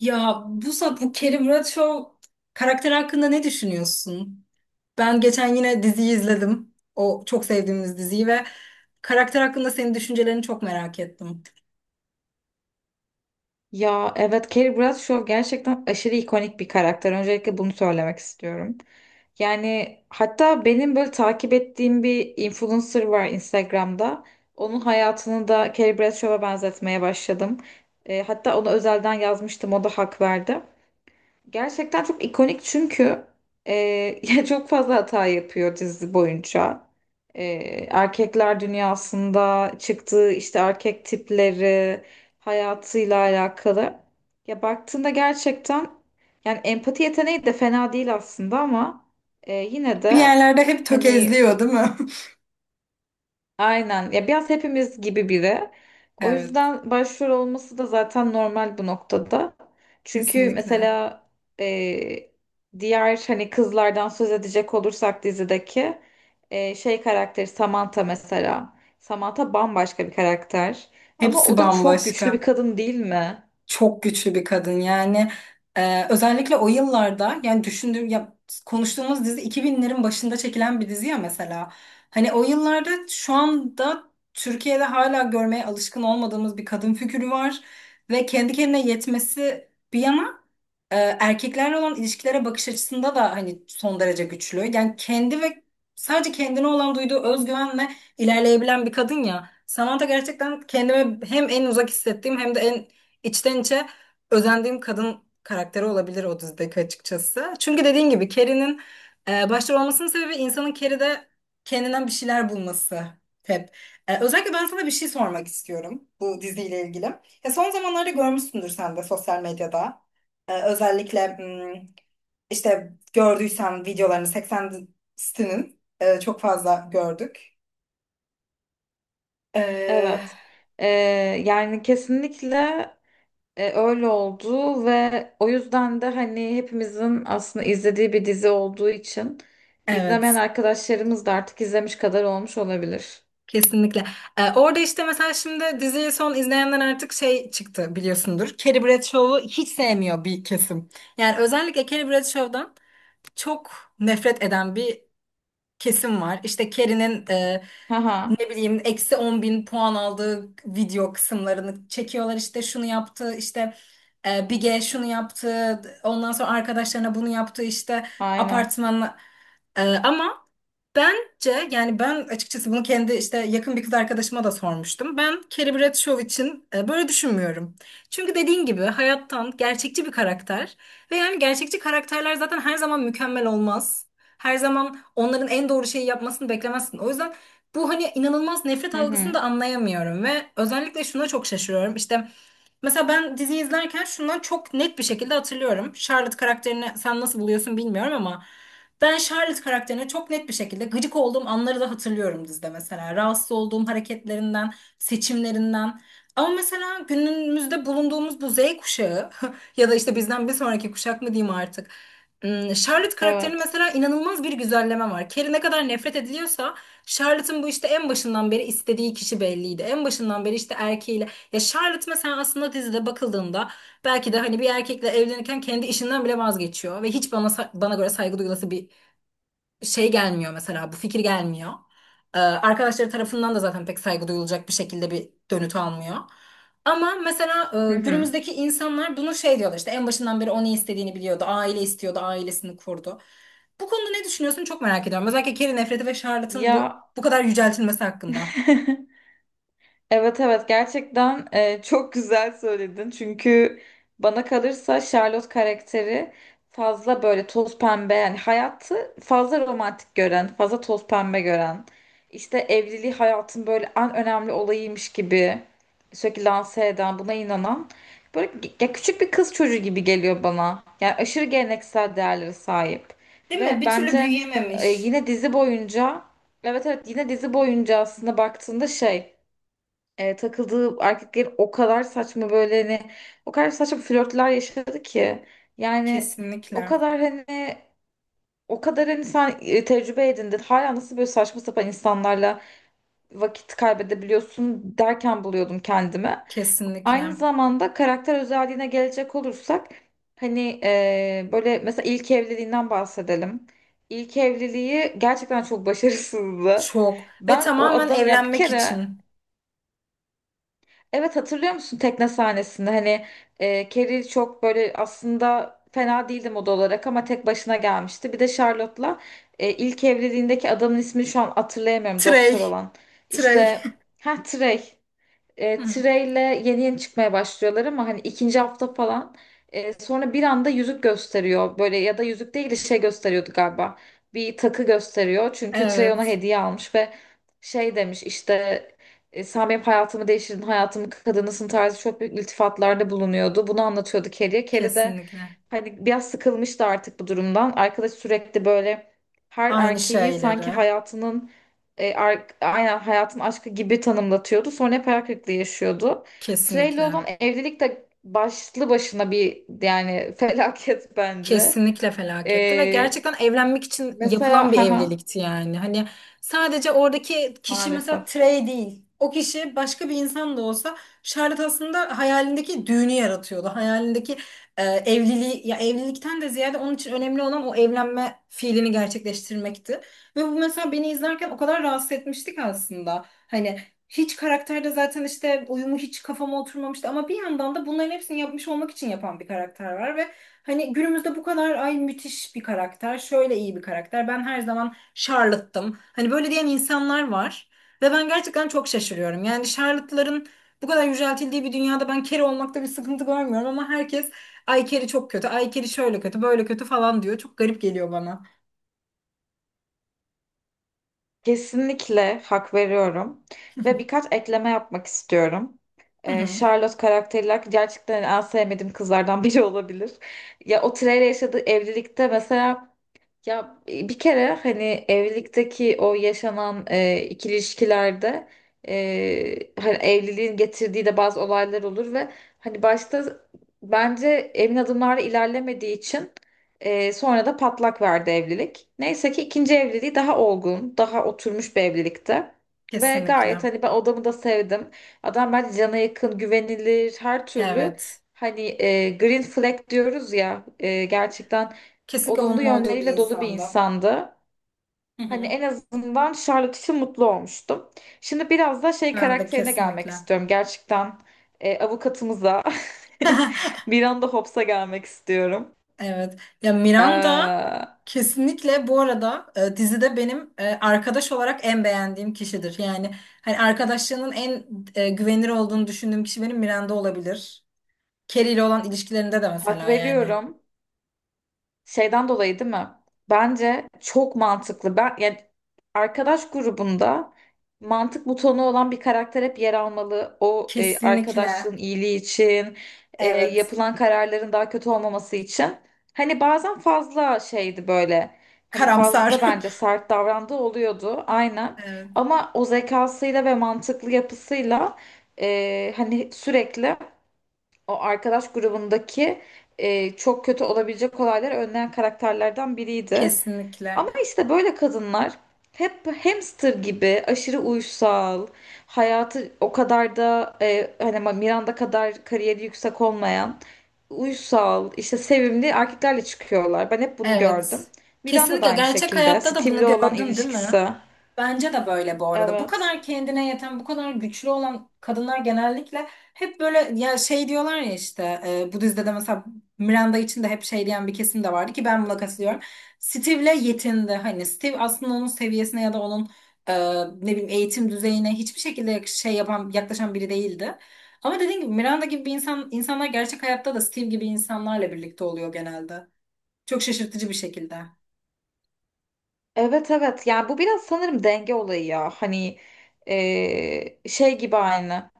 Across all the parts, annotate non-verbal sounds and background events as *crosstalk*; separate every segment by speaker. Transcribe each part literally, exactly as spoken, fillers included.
Speaker 1: Ya Buse, bu Carrie Bradshaw karakter hakkında ne düşünüyorsun? Ben geçen yine diziyi izledim. O çok sevdiğimiz diziyi ve karakter hakkında senin düşüncelerini çok merak ettim.
Speaker 2: Ya, evet, Carrie Bradshaw gerçekten aşırı ikonik bir karakter. Öncelikle bunu söylemek istiyorum. Yani hatta benim böyle takip ettiğim bir influencer var Instagram'da. Onun hayatını da Carrie Bradshaw'a benzetmeye başladım. E, hatta ona özelden yazmıştım. O da hak verdi. Gerçekten çok ikonik, çünkü e, *laughs* ya çok fazla hata yapıyor dizi boyunca. E, erkekler dünyasında çıktığı işte erkek tipleri, hayatıyla alakalı. Ya, baktığında gerçekten yani empati yeteneği de fena değil aslında ama e, yine
Speaker 1: Bir
Speaker 2: de
Speaker 1: yerlerde hep
Speaker 2: hani.
Speaker 1: tökezliyor, değil mi? *laughs*
Speaker 2: Aynen. Ya, biraz hepimiz gibi biri. O
Speaker 1: Evet,
Speaker 2: yüzden başrol olması da zaten normal bu noktada. Çünkü
Speaker 1: kesinlikle.
Speaker 2: mesela e, diğer hani kızlardan söz edecek olursak dizideki e, şey karakteri Samantha mesela. Samantha bambaşka bir karakter. Ama
Speaker 1: Hepsi
Speaker 2: o da çok güçlü bir
Speaker 1: bambaşka.
Speaker 2: kadın, değil mi?
Speaker 1: Çok güçlü bir kadın yani. Ee, özellikle o yıllarda yani düşündüğüm ya, konuştuğumuz dizi iki binlerin başında çekilen bir dizi ya mesela. Hani o yıllarda şu anda Türkiye'de hala görmeye alışkın olmadığımız bir kadın figürü var ve kendi kendine yetmesi bir yana e, erkeklerle olan ilişkilere bakış açısında da hani son derece güçlü. Yani kendi ve sadece kendine olan duyduğu özgüvenle ilerleyebilen bir kadın ya. Samantha gerçekten kendime hem en uzak hissettiğim hem de en içten içe özendiğim kadın karakteri olabilir o dizideki açıkçası. Çünkü dediğin gibi Carrie'nin e, başrol olmasının sebebi insanın Carrie'de kendinden bir şeyler bulması hep. E, özellikle ben sana bir şey sormak istiyorum bu diziyle ilgili. Ya son zamanlarda görmüşsündür sen de sosyal medyada. Ee, özellikle hmm, işte gördüysem videolarını seksenlerin e, çok fazla gördük. Ee,
Speaker 2: Evet. E, yani kesinlikle. E, öyle oldu ve o yüzden de hani hepimizin aslında izlediği bir dizi olduğu için izlemeyen
Speaker 1: Evet,
Speaker 2: arkadaşlarımız da artık izlemiş kadar olmuş olabilir.
Speaker 1: kesinlikle. Ee, orada işte mesela şimdi diziyi son izleyenler artık şey çıktı biliyorsundur. Carrie Bradshaw'u hiç sevmiyor bir kesim. Yani özellikle Carrie Bradshaw'dan çok nefret eden bir kesim var. İşte Carrie'nin e,
Speaker 2: Haha,
Speaker 1: ne bileyim eksi on bin puan aldığı video kısımlarını çekiyorlar. İşte şunu yaptı, işte e, Bige şunu yaptı, ondan sonra arkadaşlarına bunu yaptı, işte
Speaker 2: aynen.
Speaker 1: apartmanla. E, ama bence yani ben açıkçası bunu kendi işte yakın bir kız arkadaşıma da sormuştum. Ben Carrie Bradshaw için e, böyle düşünmüyorum. Çünkü dediğin gibi hayattan gerçekçi bir karakter ve yani gerçekçi karakterler zaten her zaman mükemmel olmaz. Her zaman onların en doğru şeyi yapmasını beklemezsin. O yüzden bu hani inanılmaz nefret
Speaker 2: Hı
Speaker 1: algısını
Speaker 2: hı.
Speaker 1: da anlayamıyorum ve özellikle şuna çok şaşırıyorum. İşte mesela ben dizi izlerken şundan çok net bir şekilde hatırlıyorum. Charlotte karakterini sen nasıl buluyorsun bilmiyorum ama ben Charlotte karakterine çok net bir şekilde gıcık olduğum anları da hatırlıyorum dizide mesela. Rahatsız olduğum hareketlerinden, seçimlerinden. Ama mesela günümüzde bulunduğumuz bu Z kuşağı *laughs* ya da işte bizden bir sonraki kuşak mı diyeyim artık. Hmm, Charlotte karakterinin
Speaker 2: Evet.
Speaker 1: mesela inanılmaz bir güzelleme var. Carrie ne kadar nefret ediliyorsa Charlotte'ın bu işte en başından beri istediği kişi belliydi. En başından beri işte erkeğiyle. Ya Charlotte mesela aslında dizide bakıldığında belki de hani bir erkekle evlenirken kendi işinden bile vazgeçiyor ve hiç bana sa- bana göre saygı duyulası bir şey gelmiyor mesela, bu fikir gelmiyor. Ee, arkadaşları tarafından da zaten pek saygı duyulacak bir şekilde bir dönüt almıyor. Ama mesela
Speaker 2: Hı
Speaker 1: e,
Speaker 2: hı.
Speaker 1: günümüzdeki insanlar bunu şey diyorlar, işte en başından beri o ne istediğini biliyordu. Aile istiyordu, ailesini kurdu. Bu konuda ne düşünüyorsun çok merak ediyorum. Özellikle Carrie nefreti ve Charlotte'ın bu
Speaker 2: Ya,
Speaker 1: bu kadar yüceltilmesi hakkında.
Speaker 2: *laughs* evet evet, gerçekten e, çok güzel söyledin. Çünkü bana kalırsa Charlotte karakteri fazla böyle toz pembe, yani hayatı fazla romantik gören, fazla toz pembe gören. İşte evliliği hayatın böyle en önemli olayıymış gibi sürekli lanse eden, buna inanan, böyle ge- ya küçük bir kız çocuğu gibi geliyor bana. Yani aşırı geleneksel değerlere sahip.
Speaker 1: Değil
Speaker 2: Ve
Speaker 1: mi? Bir türlü
Speaker 2: bence e,
Speaker 1: büyüyememiş.
Speaker 2: yine dizi boyunca. Evet evet, yine dizi boyunca aslında baktığında şey, e, takıldığı erkekler o kadar saçma böyle hani, o kadar saçma flörtler yaşadı ki, yani o
Speaker 1: Kesinlikle.
Speaker 2: kadar hani, o kadar hani sen e, tecrübe edindin, hala nasıl böyle saçma sapan insanlarla vakit kaybedebiliyorsun derken buluyordum kendimi. Aynı
Speaker 1: Kesinlikle.
Speaker 2: zamanda karakter özelliğine gelecek olursak hani e, böyle mesela ilk evliliğinden bahsedelim. İlk evliliği gerçekten çok başarısızdı.
Speaker 1: Çok. Ve
Speaker 2: Ben o
Speaker 1: tamamen
Speaker 2: adam ya bir
Speaker 1: evlenmek
Speaker 2: kere.
Speaker 1: için.
Speaker 2: Evet, hatırlıyor musun tekne sahnesinde hani e, Carrie çok böyle aslında fena değildi moda olarak ama tek başına gelmişti. Bir de Charlotte'la e, ilk evliliğindeki adamın ismini şu an hatırlayamıyorum, doktor
Speaker 1: Trey.
Speaker 2: olan.
Speaker 1: Trey.
Speaker 2: İşte, ha, Trey.
Speaker 1: *laughs*
Speaker 2: e,
Speaker 1: Hı.
Speaker 2: Treyle yeni yeni çıkmaya başlıyorlar ama hani ikinci hafta falan, e, sonra bir anda yüzük gösteriyor böyle, ya da yüzük değil de şey gösteriyordu galiba, bir takı gösteriyor çünkü Trey ona
Speaker 1: Evet.
Speaker 2: hediye almış ve şey demiş işte, e, sen benim hayatımı değiştirdin, hayatımın kadınısın tarzı çok büyük iltifatlarda bulunuyordu, bunu anlatıyordu Carrie'ye. Carrie de
Speaker 1: Kesinlikle.
Speaker 2: hani biraz sıkılmıştı artık bu durumdan, arkadaş sürekli böyle her
Speaker 1: Aynı
Speaker 2: erkeği sanki
Speaker 1: şeyleri.
Speaker 2: hayatının, e, ar- aynen hayatın aşkı gibi tanımlatıyordu. Sonra hep hayal kırıklığı yaşıyordu. Trey'le
Speaker 1: Kesinlikle.
Speaker 2: olan evlilik de başlı başına bir, yani, *laughs* felaket bence.
Speaker 1: Kesinlikle felaketti ve
Speaker 2: E,
Speaker 1: gerçekten evlenmek için yapılan
Speaker 2: mesela *laughs*
Speaker 1: bir
Speaker 2: haha,
Speaker 1: evlilikti yani. Hani sadece oradaki kişi mesela
Speaker 2: maalesef.
Speaker 1: Trey değil. O kişi başka bir insan da olsa Charlotte aslında hayalindeki düğünü yaratıyordu. Hayalindeki e, evliliği, ya evlilikten de ziyade onun için önemli olan o evlenme fiilini gerçekleştirmekti. Ve bu mesela beni izlerken o kadar rahatsız etmiştik aslında. Hani hiç karakterde zaten işte uyumu hiç kafama oturmamıştı ama bir yandan da bunların hepsini yapmış olmak için yapan bir karakter var ve hani günümüzde bu kadar ay müthiş bir karakter, şöyle iyi bir karakter. Ben her zaman Charlotte'tım. Hani böyle diyen insanlar var ve ben gerçekten çok şaşırıyorum. Yani Charlotte'ların bu kadar yüceltildiği bir dünyada ben Carrie olmakta bir sıkıntı görmüyorum ama herkes ay Carrie çok kötü, ay Carrie şöyle kötü, böyle kötü falan diyor. Çok garip geliyor bana.
Speaker 2: Kesinlikle hak veriyorum. Ve birkaç ekleme yapmak istiyorum.
Speaker 1: Hı
Speaker 2: E,
Speaker 1: hı,
Speaker 2: Charlotte karakteri gerçekten en sevmediğim kızlardan biri *laughs* olabilir. Ya, o Trey'le yaşadığı evlilikte mesela. Ya, e, bir kere hani evlilikteki o yaşanan e, ikili ilişkilerde, e, hani evliliğin getirdiği de bazı olaylar olur ve hani başta, bence emin adımlarla ilerlemediği için e, sonra da patlak verdi evlilik. Neyse ki ikinci evliliği daha olgun, daha oturmuş bir evlilikte. Ve gayet
Speaker 1: kesinlikle.
Speaker 2: hani ben odamı da sevdim. Adam bence cana yakın, güvenilir, her türlü
Speaker 1: Evet.
Speaker 2: hani, e, green flag diyoruz ya, e, gerçekten
Speaker 1: Kesinlikle
Speaker 2: olumlu
Speaker 1: onun olduğu bir
Speaker 2: yönleriyle dolu bir
Speaker 1: insanda.
Speaker 2: insandı.
Speaker 1: Hı
Speaker 2: Hani
Speaker 1: hı.
Speaker 2: en azından Charlotte için mutlu olmuştum. Şimdi biraz da şey
Speaker 1: Miranda
Speaker 2: karakterine gelmek
Speaker 1: kesinlikle.
Speaker 2: istiyorum. Gerçekten e, avukatımıza, *laughs*
Speaker 1: *laughs*
Speaker 2: bir anda Hobbes'a gelmek istiyorum.
Speaker 1: Evet. Ya Miranda
Speaker 2: Ee,
Speaker 1: kesinlikle bu arada, e, dizide benim e, arkadaş olarak en beğendiğim kişidir. Yani hani arkadaşlığının en e, güvenilir olduğunu düşündüğüm kişi benim Miranda olabilir. Carrie ile olan ilişkilerinde de
Speaker 2: hak
Speaker 1: mesela yani.
Speaker 2: veriyorum. Şeyden dolayı, değil mi? Bence çok mantıklı. Ben, yani arkadaş grubunda mantık butonu olan bir karakter hep yer almalı. O, e,
Speaker 1: Kesinlikle.
Speaker 2: arkadaşlığın iyiliği için, e,
Speaker 1: Evet.
Speaker 2: yapılan kararların daha kötü olmaması için. Hani bazen fazla şeydi böyle. Hani fazla
Speaker 1: Karamsar.
Speaker 2: bence
Speaker 1: *laughs*
Speaker 2: sert davrandığı oluyordu, aynen.
Speaker 1: Evet.
Speaker 2: Ama o zekasıyla ve mantıklı yapısıyla e, hani sürekli o arkadaş grubundaki e, çok kötü olabilecek olayları önleyen karakterlerden biriydi.
Speaker 1: Kesinlikle.
Speaker 2: Ama işte böyle kadınlar hep hamster gibi aşırı uysal, hayatı o kadar da e, hani Miranda kadar kariyeri yüksek olmayan, uysal, işte sevimli erkeklerle çıkıyorlar. Ben hep bunu gördüm.
Speaker 1: Evet.
Speaker 2: Miranda da
Speaker 1: Kesinlikle
Speaker 2: aynı
Speaker 1: gerçek
Speaker 2: şekilde.
Speaker 1: hayatta da
Speaker 2: Steve'le
Speaker 1: bunu
Speaker 2: olan
Speaker 1: gördün değil mi?
Speaker 2: ilişkisi.
Speaker 1: Bence de böyle bu arada. Bu
Speaker 2: Evet.
Speaker 1: kadar kendine yeten, bu kadar güçlü olan kadınlar genellikle hep böyle ya şey diyorlar ya, işte e, bu dizide de mesela Miranda için de hep şey diyen bir kesim de vardı ki ben buna katılıyorum. Steve'le yetindi. Hani Steve aslında onun seviyesine ya da onun e, ne bileyim eğitim düzeyine hiçbir şekilde yak- şey yapan, yaklaşan biri değildi. Ama dediğim gibi Miranda gibi bir insan, insanlar gerçek hayatta da Steve gibi insanlarla birlikte oluyor genelde. Çok şaşırtıcı bir şekilde.
Speaker 2: Evet evet. Yani bu biraz sanırım denge olayı ya. Hani, e, şey gibi aynı.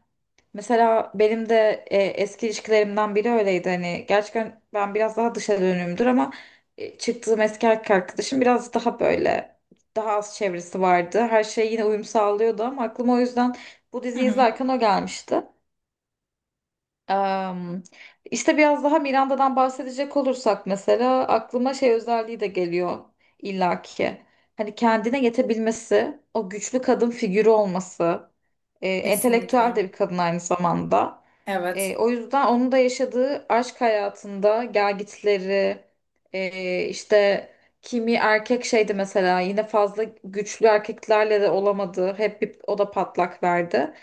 Speaker 2: Mesela benim de e, eski ilişkilerimden biri öyleydi. Hani gerçekten ben biraz daha dışa dönüğümdür, ama e, çıktığım eski erkek arkadaşım biraz daha böyle, daha az çevresi vardı. Her şey yine uyum sağlıyordu ama aklıma o yüzden bu
Speaker 1: Hı
Speaker 2: diziyi
Speaker 1: hı.
Speaker 2: izlerken o gelmişti. Am, işte biraz daha Miranda'dan bahsedecek olursak mesela aklıma şey özelliği de geliyor illaki. Hani kendine yetebilmesi, o güçlü kadın figürü olması, e, entelektüel
Speaker 1: Kesinlikle.
Speaker 2: de bir kadın aynı zamanda.
Speaker 1: Evet.
Speaker 2: E, o yüzden onun da yaşadığı aşk hayatında gelgitleri, e, işte kimi erkek şeydi mesela, yine fazla güçlü erkeklerle de olamadı. Hep bir, o da patlak verdi.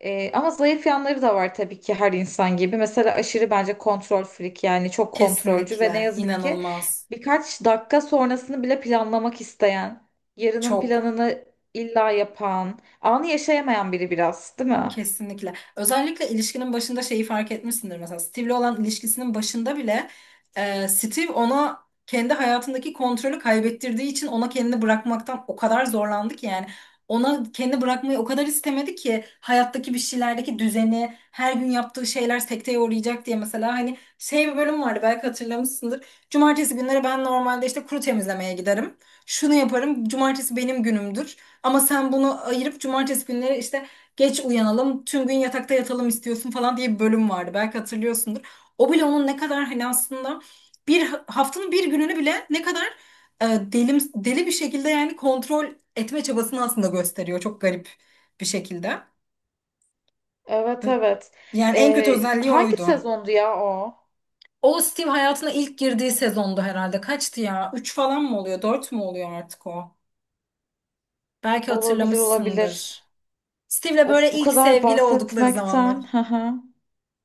Speaker 2: E, ama zayıf yanları da var tabii ki her insan gibi. Mesela aşırı bence kontrol freak, yani çok kontrolcü ve ne
Speaker 1: Kesinlikle.
Speaker 2: yazık ki
Speaker 1: İnanılmaz.
Speaker 2: birkaç dakika sonrasını bile planlamak isteyen, yarının
Speaker 1: Çok.
Speaker 2: planını illa yapan, anı yaşayamayan biri biraz, değil mi?
Speaker 1: Kesinlikle. Özellikle ilişkinin başında şeyi fark etmişsindir. Mesela Steve'le olan ilişkisinin başında bile e, Steve ona kendi hayatındaki kontrolü kaybettirdiği için ona kendini bırakmaktan o kadar zorlandı ki yani ona kendini bırakmayı o kadar istemedi ki hayattaki bir şeylerdeki düzeni, her gün yaptığı şeyler sekteye uğrayacak diye mesela, hani şey, bir bölüm vardı belki hatırlamışsındır. Cumartesi günleri ben normalde işte kuru temizlemeye giderim. Şunu yaparım. Cumartesi benim günümdür. Ama sen bunu ayırıp cumartesi günleri işte geç uyanalım, tüm gün yatakta yatalım istiyorsun falan diye bir bölüm vardı. Belki hatırlıyorsundur. O bile onun ne kadar hani aslında bir haftanın bir gününü bile ne kadar e, delim, deli bir şekilde yani kontrol etme çabasını aslında gösteriyor. Çok garip bir şekilde.
Speaker 2: Evet evet.
Speaker 1: Yani en kötü
Speaker 2: Ee,
Speaker 1: özelliği
Speaker 2: hangi
Speaker 1: oydu.
Speaker 2: sezondu ya o?
Speaker 1: O Steve hayatına ilk girdiği sezondu herhalde. Kaçtı ya? Üç falan mı oluyor? Dört mü oluyor artık o? Belki
Speaker 2: Olabilir olabilir.
Speaker 1: hatırlamışsındır. Steve'le
Speaker 2: Of,
Speaker 1: böyle
Speaker 2: bu
Speaker 1: ilk
Speaker 2: kadar
Speaker 1: sevgili oldukları zamanlar.
Speaker 2: bahsetmekten. Hı hı.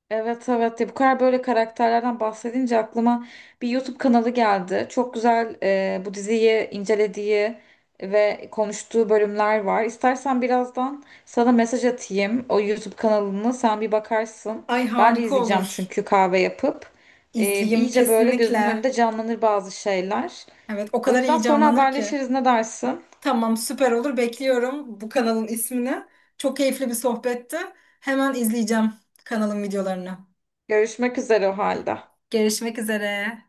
Speaker 2: Evet evet, ya bu kadar böyle karakterlerden bahsedince aklıma bir YouTube kanalı geldi. Çok güzel, e, bu diziyi incelediği ve konuştuğu bölümler var. İstersen birazdan sana mesaj atayım, o YouTube kanalını sen bir bakarsın.
Speaker 1: Ay
Speaker 2: Ben de
Speaker 1: harika
Speaker 2: izleyeceğim
Speaker 1: olur.
Speaker 2: çünkü kahve yapıp. E,
Speaker 1: İzleyeyim
Speaker 2: iyice böyle gözümün
Speaker 1: kesinlikle.
Speaker 2: önünde canlanır bazı şeyler.
Speaker 1: Evet, o
Speaker 2: O
Speaker 1: kadar
Speaker 2: yüzden
Speaker 1: iyi
Speaker 2: sonra
Speaker 1: canlanır ki.
Speaker 2: haberleşiriz, ne dersin?
Speaker 1: Tamam, süper olur. Bekliyorum bu kanalın ismini. Çok keyifli bir sohbetti. Hemen izleyeceğim kanalın videolarını.
Speaker 2: Görüşmek üzere o halde.
Speaker 1: Görüşmek üzere.